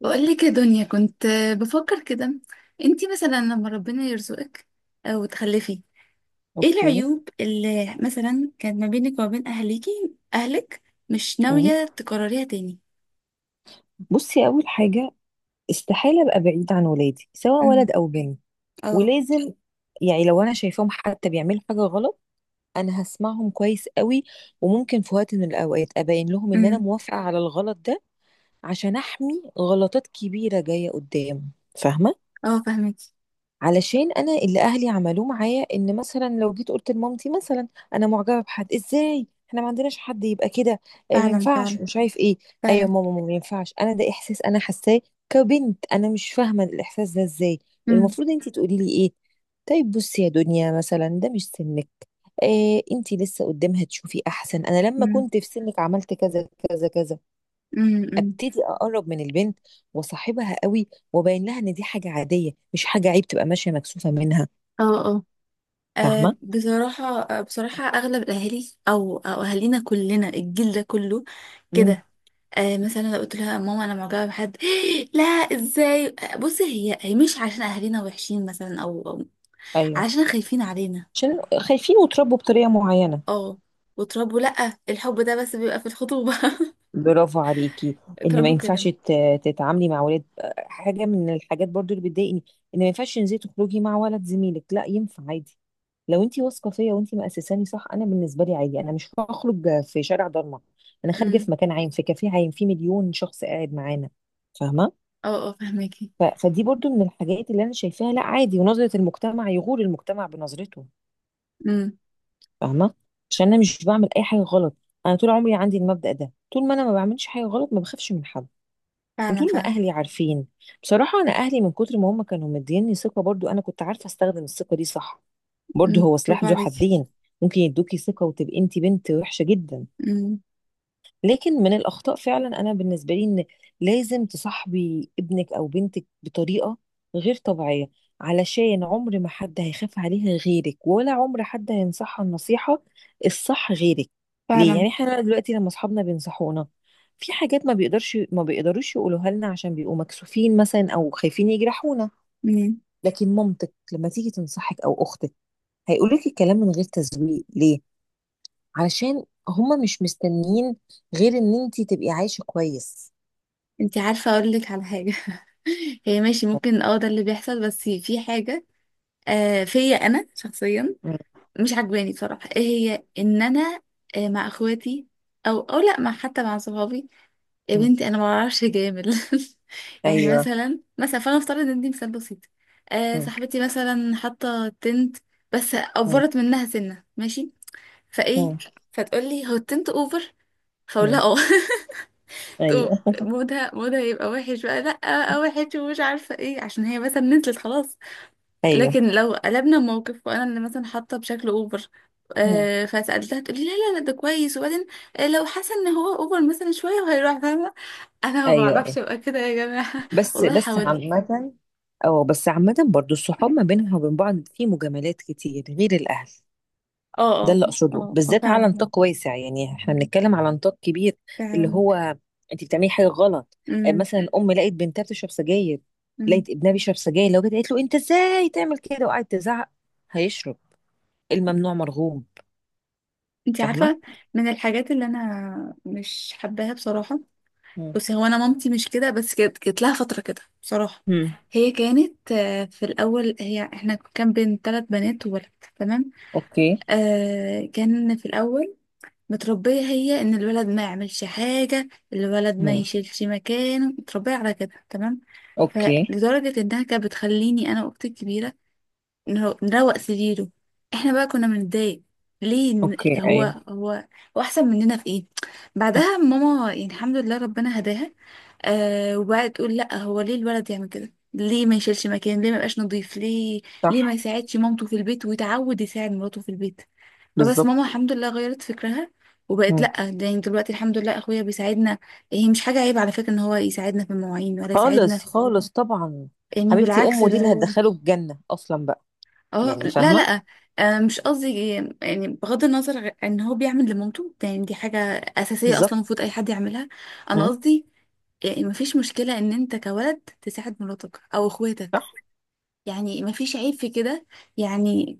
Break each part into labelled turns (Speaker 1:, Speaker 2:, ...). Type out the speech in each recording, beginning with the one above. Speaker 1: بقول لك يا دنيا، كنت بفكر كده. انتي مثلا لما ربنا يرزقك او تخلفي، ايه
Speaker 2: اوكي.
Speaker 1: العيوب اللي مثلا كانت ما بينك وما بين اهلك مش
Speaker 2: مم.
Speaker 1: ناوية تكرريها تاني؟
Speaker 2: بصي اول حاجه، استحاله ابقى بعيد عن ولادي سواء
Speaker 1: امم.
Speaker 2: ولد او بنت.
Speaker 1: اه.
Speaker 2: ولازم يعني لو انا شايفاهم حتى بيعملوا حاجه غلط، انا هسمعهم كويس قوي، وممكن في وقت من الاوقات ابين لهم ان انا
Speaker 1: امم.
Speaker 2: موافقه على الغلط ده عشان احمي غلطات كبيره جايه قدام. فاهمه؟
Speaker 1: اه، فاهمك.
Speaker 2: علشان انا اللي اهلي عملوه معايا ان مثلا لو جيت قلت لمامتي مثلا انا معجبه بحد، ازاي؟ احنا ما عندناش حد يبقى كده. آه، ما
Speaker 1: فعلا
Speaker 2: ينفعش
Speaker 1: فعلا
Speaker 2: ومش عارف ايه. ايوه يا
Speaker 1: فعلا.
Speaker 2: ماما، ما ينفعش؟ انا ده احساس انا حاساه كبنت، انا مش فاهمه الاحساس ده ازاي.
Speaker 1: امم
Speaker 2: المفروض انت تقولي لي ايه. طيب بصي يا دنيا، مثلا ده مش سنك، إيه انت لسه قدامها، تشوفي احسن انا لما
Speaker 1: امم
Speaker 2: كنت في سنك عملت كذا كذا كذا.
Speaker 1: أمم.
Speaker 2: ابتدي اقرب من البنت وصاحبها قوي، وبين لها ان دي حاجه عاديه، مش حاجه عيب تبقى ماشيه مكسوفه منها.
Speaker 1: اه اه.
Speaker 2: فاهمة.
Speaker 1: آه، بصراحة، أغلب الأهالي أو أهالينا كلنا، الجيل ده كله
Speaker 2: مم.
Speaker 1: كده. مثلا لو قلت لها ماما انا معجبه بحد. لا، ازاي؟ بصي، هي هي مش عشان اهالينا وحشين، مثلا او
Speaker 2: ايوه،
Speaker 1: عشان خايفين علينا.
Speaker 2: عشان خايفين وتربوا بطريقة معينة.
Speaker 1: اه. وتربوا لا، الحب ده بس بيبقى في الخطوبه
Speaker 2: برافو عليكي. ان ما
Speaker 1: اتربوا كده.
Speaker 2: ينفعش تتعاملي مع ولاد. حاجة من الحاجات برضو اللي بتضايقني، ان ما ينفعش تنزلي تخرجي مع ولد زميلك، لا ينفع عادي. لو انتي واثقة فيا وانتي مأسساني صح، انا بالنسبة لي عادي، انا مش هخرج في شارع ضلمة، انا خارجة
Speaker 1: امم.
Speaker 2: في مكان عام، في كافيه عام، في مليون شخص قاعد معانا. فاهمة؟
Speaker 1: اه اه، فهماكي.
Speaker 2: فدي برضو من الحاجات اللي انا شايفاها لا عادي، ونظرة المجتمع يغور المجتمع بنظرته.
Speaker 1: امم.
Speaker 2: فاهمه؟ عشان انا مش بعمل اي حاجه غلط. انا طول عمري عندي المبدأ ده، طول ما انا ما بعملش حاجه غلط، ما بخافش من حد.
Speaker 1: فعلا
Speaker 2: وطول ما
Speaker 1: فعلا.
Speaker 2: اهلي عارفين. بصراحه انا اهلي من كتر ما هم كانوا مديني ثقه، برضو انا كنت عارفه استخدم الثقه دي صح. برضو
Speaker 1: امم.
Speaker 2: هو سلاح
Speaker 1: برافو
Speaker 2: ذو
Speaker 1: عليكي.
Speaker 2: حدين، ممكن يدوكي ثقه وتبقي انت بنت وحشه جدا.
Speaker 1: امم.
Speaker 2: لكن من الأخطاء فعلا أنا بالنسبة لي، إن لازم تصاحبي ابنك أو بنتك بطريقة غير طبيعية، علشان عمر ما حد هيخاف عليها غيرك، ولا عمر حد هينصحها النصيحة الصح غيرك. ليه
Speaker 1: فعلا.
Speaker 2: يعني احنا دلوقتي لما أصحابنا بينصحونا، في حاجات ما بيقدرش، ما بيقدروش يقولوها لنا عشان بيبقوا مكسوفين مثلا أو خايفين يجرحونا.
Speaker 1: امم.
Speaker 2: لكن مامتك لما تيجي تنصحك أو أختك هيقولك الكلام من غير تزويق. ليه؟ علشان هما مش مستنيين غير ان انتي تبقي عايشة كويس.
Speaker 1: انتي عارفه اقول لك على حاجه؟ هي ماشي، ممكن اه ده اللي بيحصل، بس في حاجه فيا انا شخصيا
Speaker 2: مم.
Speaker 1: مش عجباني بصراحة، ايه هي؟ ان انا مع اخواتي، او لا، حتى مع صحابي، يا
Speaker 2: مم.
Speaker 1: بنتي انا ما بعرفش اجامل. يعني
Speaker 2: ايوه.
Speaker 1: مثلا فانا افترض ان دي مثال بسيط.
Speaker 2: مم.
Speaker 1: صاحبتي مثلا حاطه تنت، بس
Speaker 2: مم.
Speaker 1: اوفرت منها سنه ماشي، فايه،
Speaker 2: مم.
Speaker 1: فتقول لي هو التنت اوفر؟ فاقول
Speaker 2: مم.
Speaker 1: لها اه. تقوم،
Speaker 2: ايوه.
Speaker 1: مودها يبقى وحش بقى. لا، وحش ومش عارفه ايه، عشان هي مثلا نزلت خلاص.
Speaker 2: ايوه.
Speaker 1: لكن لو قلبنا الموقف وانا اللي مثلا حاطه بشكل اوفر،
Speaker 2: مم.
Speaker 1: فسالتها، تقولي لا لا لا، ده كويس. وبعدين لو حاسه ان هو اوفر مثلا شويه، وهيروح، فاهمه. انا ما
Speaker 2: ايوه
Speaker 1: بعرفش
Speaker 2: ايوه.
Speaker 1: ابقى كده يا جماعه،
Speaker 2: بس
Speaker 1: والله
Speaker 2: بس
Speaker 1: حاولت.
Speaker 2: عامة، او بس عامة برضو، الصحاب ما بينها وبين بعض في مجاملات كتير غير الاهل.
Speaker 1: اه
Speaker 2: ده
Speaker 1: اه
Speaker 2: اللي اقصده،
Speaker 1: اه اه،
Speaker 2: بالذات على
Speaker 1: فعلا
Speaker 2: نطاق واسع، يعني احنا بنتكلم على نطاق كبير. اللي
Speaker 1: فعلا.
Speaker 2: هو انت بتعملي حاجه غلط. آه،
Speaker 1: امم
Speaker 2: مثلا لقيت بنتها بتشرب سجاير،
Speaker 1: امم.
Speaker 2: لقيت ابنها بيشرب سجاير، لو جت قالت له انت ازاي تعمل كده وقعدت تزعق، هيشرب. الممنوع مرغوب.
Speaker 1: انت
Speaker 2: فاهمه.
Speaker 1: عارفه، من الحاجات اللي انا مش حباها بصراحه،
Speaker 2: مم.
Speaker 1: بس هو انا مامتي مش كده، بس كانت لها فتره كده بصراحه.
Speaker 2: مم.
Speaker 1: هي كانت، في الاول، هي احنا كان بين ثلاث بنات وولد تمام.
Speaker 2: اوكي.
Speaker 1: كان في الأول متربية هي إن الولد ما يعملش حاجة، الولد ما
Speaker 2: مم.
Speaker 1: يشيلش مكانه، متربية على كده تمام.
Speaker 2: اوكي.
Speaker 1: فلدرجة إنها كانت بتخليني أنا وأختي الكبيرة نروق سريره، إحنا بقى كنا بنتضايق ليه إن
Speaker 2: اوكي. ايوه.
Speaker 1: هو هو أحسن مننا في إيه. بعدها
Speaker 2: صح.
Speaker 1: ماما يعني الحمد لله ربنا هداها. وبقى تقول لأ، هو ليه الولد يعمل كده؟ ليه ما يشيلش مكان؟ ليه ما يبقاش نظيف؟ ليه ما
Speaker 2: صح.
Speaker 1: يساعدش مامته في البيت، ويتعود يساعد مراته في البيت. فبس
Speaker 2: بالظبط.
Speaker 1: ماما الحمد لله غيرت فكرها، وبقت
Speaker 2: مم.
Speaker 1: لا، ده يعني دلوقتي الحمد لله اخويا بيساعدنا. هي مش حاجه عيب على فكره ان هو يساعدنا في المواعين ولا يساعدنا،
Speaker 2: خالص خالص طبعا.
Speaker 1: يعني
Speaker 2: حبيبتي،
Speaker 1: بالعكس،
Speaker 2: امه دي
Speaker 1: اللي
Speaker 2: اللي
Speaker 1: هو
Speaker 2: هتدخله الجنه اصلا بقى.
Speaker 1: اه.
Speaker 2: يعني
Speaker 1: لا
Speaker 2: فاهمه.
Speaker 1: لا، مش قصدي، يعني بغض النظر ان هو بيعمل لمامته، ده يعني دي حاجه اساسيه اصلا،
Speaker 2: بالظبط.
Speaker 1: المفروض اي حد يعملها. انا
Speaker 2: مم.
Speaker 1: قصدي يعني مفيش مشكله ان انت كولد تساعد مراتك او اخواتك، يعني مفيش عيب في كده، يعني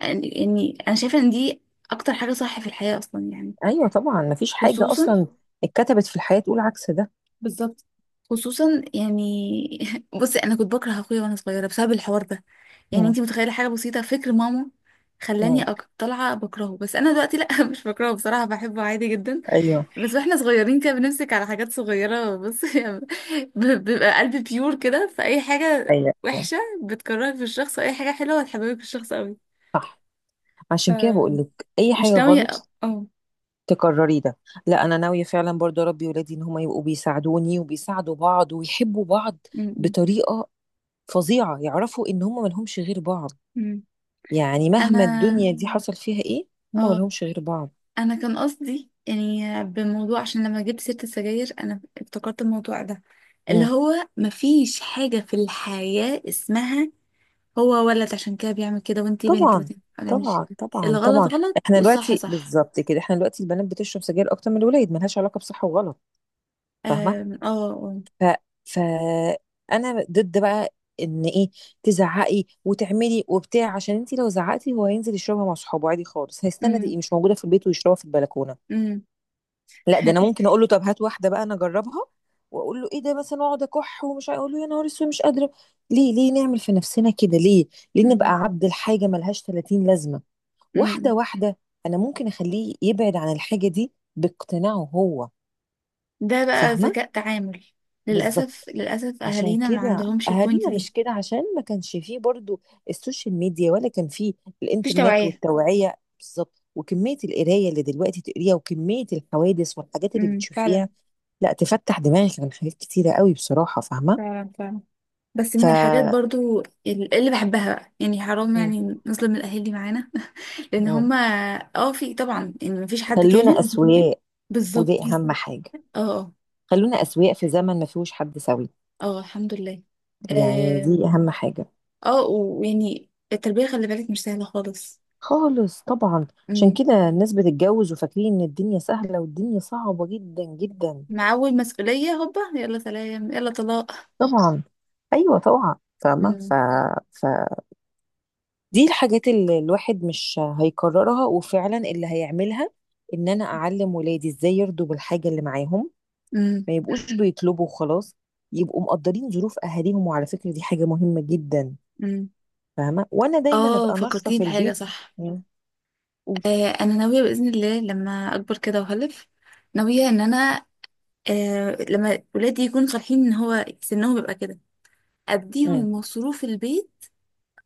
Speaker 1: يعني انا شايفه ان دي اكتر حاجه صح في الحياه اصلا يعني.
Speaker 2: ايوه طبعا، مفيش حاجه
Speaker 1: خصوصا،
Speaker 2: اصلا اتكتبت في الحياه تقول عكس ده.
Speaker 1: بالظبط، خصوصا يعني. بصي انا كنت بكره اخويا وانا صغيره بسبب الحوار ده، يعني
Speaker 2: مم.
Speaker 1: انتي متخيله؟ حاجه بسيطه فكر ماما خلاني
Speaker 2: مم.
Speaker 1: طالعه بكرهه. بس انا دلوقتي لا، مش بكرهه بصراحه، بحبه عادي جدا.
Speaker 2: ايوه.
Speaker 1: بس واحنا صغيرين كده بنمسك على حاجات صغيره، بصي، بيبقى قلبي بيور كده، فاي حاجه
Speaker 2: ايوه أيوة.
Speaker 1: وحشه بتكرهك في الشخص، اي حاجه حلوه بتحببك في الشخص قوي.
Speaker 2: صح. عشان كده بقول لك اي حاجه
Speaker 1: فمش ناويه. اه
Speaker 2: غلط
Speaker 1: أه.
Speaker 2: تكرري ده. لا، انا ناويه فعلا برضه اربي ولادي ان هم يبقوا بيساعدوني وبيساعدوا بعض ويحبوا بعض
Speaker 1: م- م-
Speaker 2: بطريقه فظيعه، يعرفوا ان هم ملهمش غير بعض.
Speaker 1: م.
Speaker 2: يعني مهما
Speaker 1: انا
Speaker 2: الدنيا دي حصل فيها ايه، هم
Speaker 1: اه
Speaker 2: ملهمش غير بعض.
Speaker 1: انا كان قصدي، يعني بموضوع، عشان لما جبت سيرة السجاير انا افتكرت الموضوع ده، اللي
Speaker 2: مم.
Speaker 1: هو مفيش حاجة في الحياة اسمها هو ولد عشان كده بيعمل كده، وانتي بنت ما
Speaker 2: طبعا.
Speaker 1: تعملش
Speaker 2: طبعا
Speaker 1: كده.
Speaker 2: طبعا
Speaker 1: الغلط
Speaker 2: طبعا.
Speaker 1: غلط
Speaker 2: احنا
Speaker 1: والصح
Speaker 2: دلوقتي
Speaker 1: صح.
Speaker 2: بالظبط كده، احنا دلوقتي البنات بتشرب سجاير اكتر من الولاد، ملهاش علاقه بصح وغلط. فاهمه.
Speaker 1: أم، اه اه.
Speaker 2: ف فانا ضد بقى ان ايه، تزعقي وتعملي وبتاع، عشان انت لو زعقتي هو هينزل يشربها مع صحابه عادي خالص، هيستنى
Speaker 1: أم،
Speaker 2: تبقي مش موجوده في البيت ويشربها في البلكونه.
Speaker 1: أم.
Speaker 2: لا، ده انا ممكن اقول له طب هات واحده بقى انا اجربها، واقول له ايه ده مثلا، واقعد اكح اقول له يا نهار اسود مش قادره. ليه؟ ليه نعمل في نفسنا كده؟ ليه ليه نبقى
Speaker 1: أم،
Speaker 2: عبد الحاجه، ملهاش 30 لازمه؟ واحده
Speaker 1: أم.
Speaker 2: واحده انا ممكن اخليه يبعد عن الحاجه دي باقتناعه هو.
Speaker 1: ده بقى
Speaker 2: فاهمه.
Speaker 1: ذكاء تعامل.
Speaker 2: بالظبط،
Speaker 1: للأسف للأسف
Speaker 2: عشان
Speaker 1: أهالينا ما
Speaker 2: كده
Speaker 1: عندهمش البوينت
Speaker 2: اهالينا
Speaker 1: دي.
Speaker 2: مش كده، عشان ما كانش فيه برضو السوشيال ميديا، ولا كان فيه
Speaker 1: مفيش
Speaker 2: الانترنت
Speaker 1: توعية.
Speaker 2: والتوعية، بالظبط، وكمية القراية اللي دلوقتي تقريها وكمية الحوادث والحاجات اللي
Speaker 1: أم، فعلا.
Speaker 2: بتشوفيها، لا تفتح دماغك عن حاجات كتيرة قوي بصراحة. فاهمة.
Speaker 1: فعلا فعلا. بس
Speaker 2: ف
Speaker 1: من الحاجات برضو اللي بحبها بقى، يعني حرام
Speaker 2: مم.
Speaker 1: يعني نظلم الأهالي معانا، لأن
Speaker 2: مم.
Speaker 1: هما اه في طبعا يعني مفيش حد
Speaker 2: خلونا
Speaker 1: كامل.
Speaker 2: أسوياء، ودي
Speaker 1: بالظبط.
Speaker 2: أهم حاجة.
Speaker 1: اه اه
Speaker 2: خلونا أسوياء في زمن ما فيهوش حد سوي.
Speaker 1: اه، الحمد لله.
Speaker 2: يعني دي
Speaker 1: آم.
Speaker 2: أهم حاجة.
Speaker 1: اه، ويعني التربية خلي بالك مش سهلة خالص.
Speaker 2: خالص طبعا. عشان
Speaker 1: امم.
Speaker 2: كده الناس بتتجوز وفاكرين ان الدنيا سهلة، والدنيا صعبة جدا جدا.
Speaker 1: مع أول مسؤولية هوبا يلا سلام يلا طلاق.
Speaker 2: طبعا. ايوه طبعا فاهمه
Speaker 1: امم
Speaker 2: ف... دي الحاجات اللي الواحد مش هيكررها، وفعلا اللي هيعملها ان انا اعلم ولادي ازاي يرضوا بالحاجه اللي معاهم،
Speaker 1: امم
Speaker 2: ما يبقوش بيطلبوا وخلاص، يبقوا مقدرين ظروف اهاليهم. وعلى فكره دي حاجه مهمه جدا.
Speaker 1: امم.
Speaker 2: فاهمه. وانا دايما
Speaker 1: اه،
Speaker 2: ابقى ناشفه
Speaker 1: فكرتيني
Speaker 2: في
Speaker 1: بحاجة
Speaker 2: البيت.
Speaker 1: صح.
Speaker 2: مم. قولي.
Speaker 1: أنا ناوية بإذن الله لما أكبر كده وأخلف، ناوية إن أنا لما ولادي يكونوا صالحين ان هو سنهم بيبقى كده
Speaker 2: مم.
Speaker 1: اديهم مصروف البيت.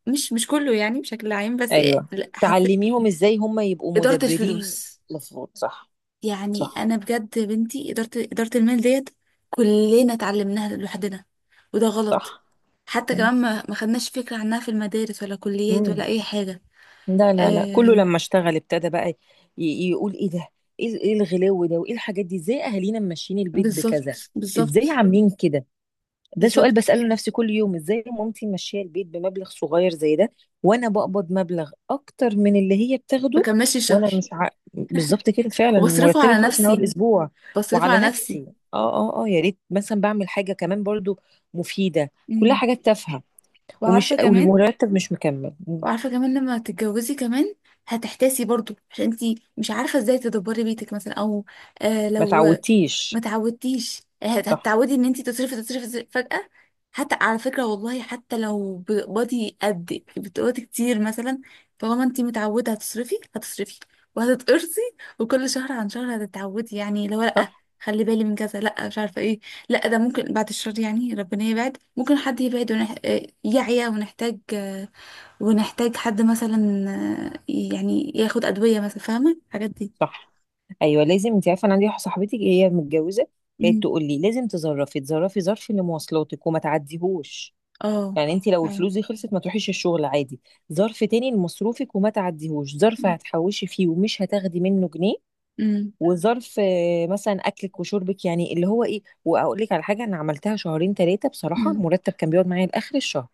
Speaker 1: مش كله يعني، بشكل عام. بس
Speaker 2: ايوه،
Speaker 1: لا،
Speaker 2: تعلميهم ازاي هم يبقوا
Speaker 1: اداره
Speaker 2: مدبرين،
Speaker 1: الفلوس.
Speaker 2: مفروض. صح.
Speaker 1: يعني
Speaker 2: صح.
Speaker 1: انا بجد بنتي اداره المال ديت، كلنا اتعلمناها لوحدنا، وده غلط.
Speaker 2: صح.
Speaker 1: حتى
Speaker 2: مم.
Speaker 1: كمان ما خدناش فكره عنها في المدارس ولا كليات
Speaker 2: مم.
Speaker 1: ولا اي حاجه.
Speaker 2: لا لا لا، كله
Speaker 1: آم.
Speaker 2: لما اشتغل ابتدى بقى يقول ايه ده، ايه إيه الغلو ده، وايه الحاجات دي، ازاي اهالينا ماشيين البيت
Speaker 1: بالظبط
Speaker 2: بكذا، ازاي
Speaker 1: بالظبط.
Speaker 2: عاملين كده. ده سؤال
Speaker 1: بالظبط،
Speaker 2: بسأله لنفسي كل يوم: ازاي مامتي ماشيه البيت بمبلغ صغير زي ده، وانا بقبض مبلغ اكتر من اللي هي بتاخده،
Speaker 1: بكملش
Speaker 2: وانا
Speaker 1: الشهر
Speaker 2: مش ع... بالظبط كده فعلا،
Speaker 1: وبصرفه
Speaker 2: مرتبي
Speaker 1: على
Speaker 2: خلص من اول
Speaker 1: نفسي.
Speaker 2: اسبوع
Speaker 1: بصرفه
Speaker 2: وعلى
Speaker 1: على نفسي.
Speaker 2: نفسي. اه اه اه. يا ريت مثلا بعمل حاجه كمان برضو مفيده، كلها
Speaker 1: مم.
Speaker 2: حاجات تافهه، ومش
Speaker 1: وعارفه كمان.
Speaker 2: والمرتب مش مكمل.
Speaker 1: وعارفه كمان، لما تتجوزي كمان، هتحتاسي برضو عشان انتي مش عارفه ازاي تدبري بيتك مثلا، او
Speaker 2: ما
Speaker 1: لو ما
Speaker 2: تعودتيش.
Speaker 1: تعودتيش. هت-
Speaker 2: صح.
Speaker 1: هتتعودي ان انتي تصرفي تصرفي تصرفي فجاه. حتى على فكره والله، حتى لو بتقبضي قد بتقبضي كتير مثلا، طالما انتي متعوده هتصرفي هتصرفي وهتتقرصي. وكل شهر عن شهر هتتعودي، يعني لو
Speaker 2: صح.
Speaker 1: لا، خلي بالي من كذا، لا، مش عارفه ايه. لا، ده ممكن بعد الشهر، يعني ربنا يبعد، ممكن حد يبعد ونح... آه، يعيا، ونحتاج حد مثلا، آه، يعني ياخد أدوية مثلا، فاهمة الحاجات دي؟
Speaker 2: صح. ايوه. لازم، انت عارفه، انا عندي واحده صاحبتي هي متجوزه، كانت
Speaker 1: امم.
Speaker 2: تقول لي لازم تظرفي تظرفي، ظرف لمواصلاتك وما تعديهوش،
Speaker 1: اه،
Speaker 2: يعني انت لو
Speaker 1: فعلا.
Speaker 2: الفلوس دي خلصت ما تروحيش الشغل عادي. ظرف تاني لمصروفك وما تعديهوش، ظرف هتحوشي فيه ومش هتاخدي منه جنيه،
Speaker 1: امم
Speaker 2: وظرف آه، مثلا اكلك وشربك، يعني اللي هو ايه. واقول لك على حاجه، انا عملتها شهرين ثلاثه، بصراحه
Speaker 1: امم
Speaker 2: المرتب كان بيقعد معايا لاخر الشهر.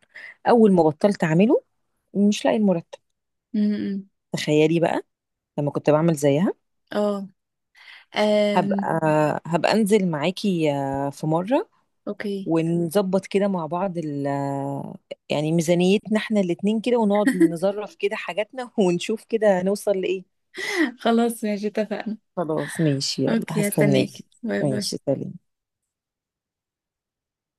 Speaker 2: اول ما بطلت اعمله مش لاقي المرتب.
Speaker 1: امم.
Speaker 2: تخيلي بقى لما كنت بعمل زيها.
Speaker 1: اه.
Speaker 2: هبقى
Speaker 1: آم.
Speaker 2: هبقى انزل معاكي آه، في مرة
Speaker 1: اوكي.
Speaker 2: ونظبط كده مع بعض ال آه، يعني ميزانيتنا احنا الاتنين كده، ونقعد نظرف كده حاجاتنا ونشوف كده نوصل لإيه.
Speaker 1: خلاص ماشي، اتفقنا.
Speaker 2: خلاص ماشي، يلا
Speaker 1: اوكي، هستناكي.
Speaker 2: هستناكي.
Speaker 1: باي
Speaker 2: ماشي،
Speaker 1: باي.
Speaker 2: سلام.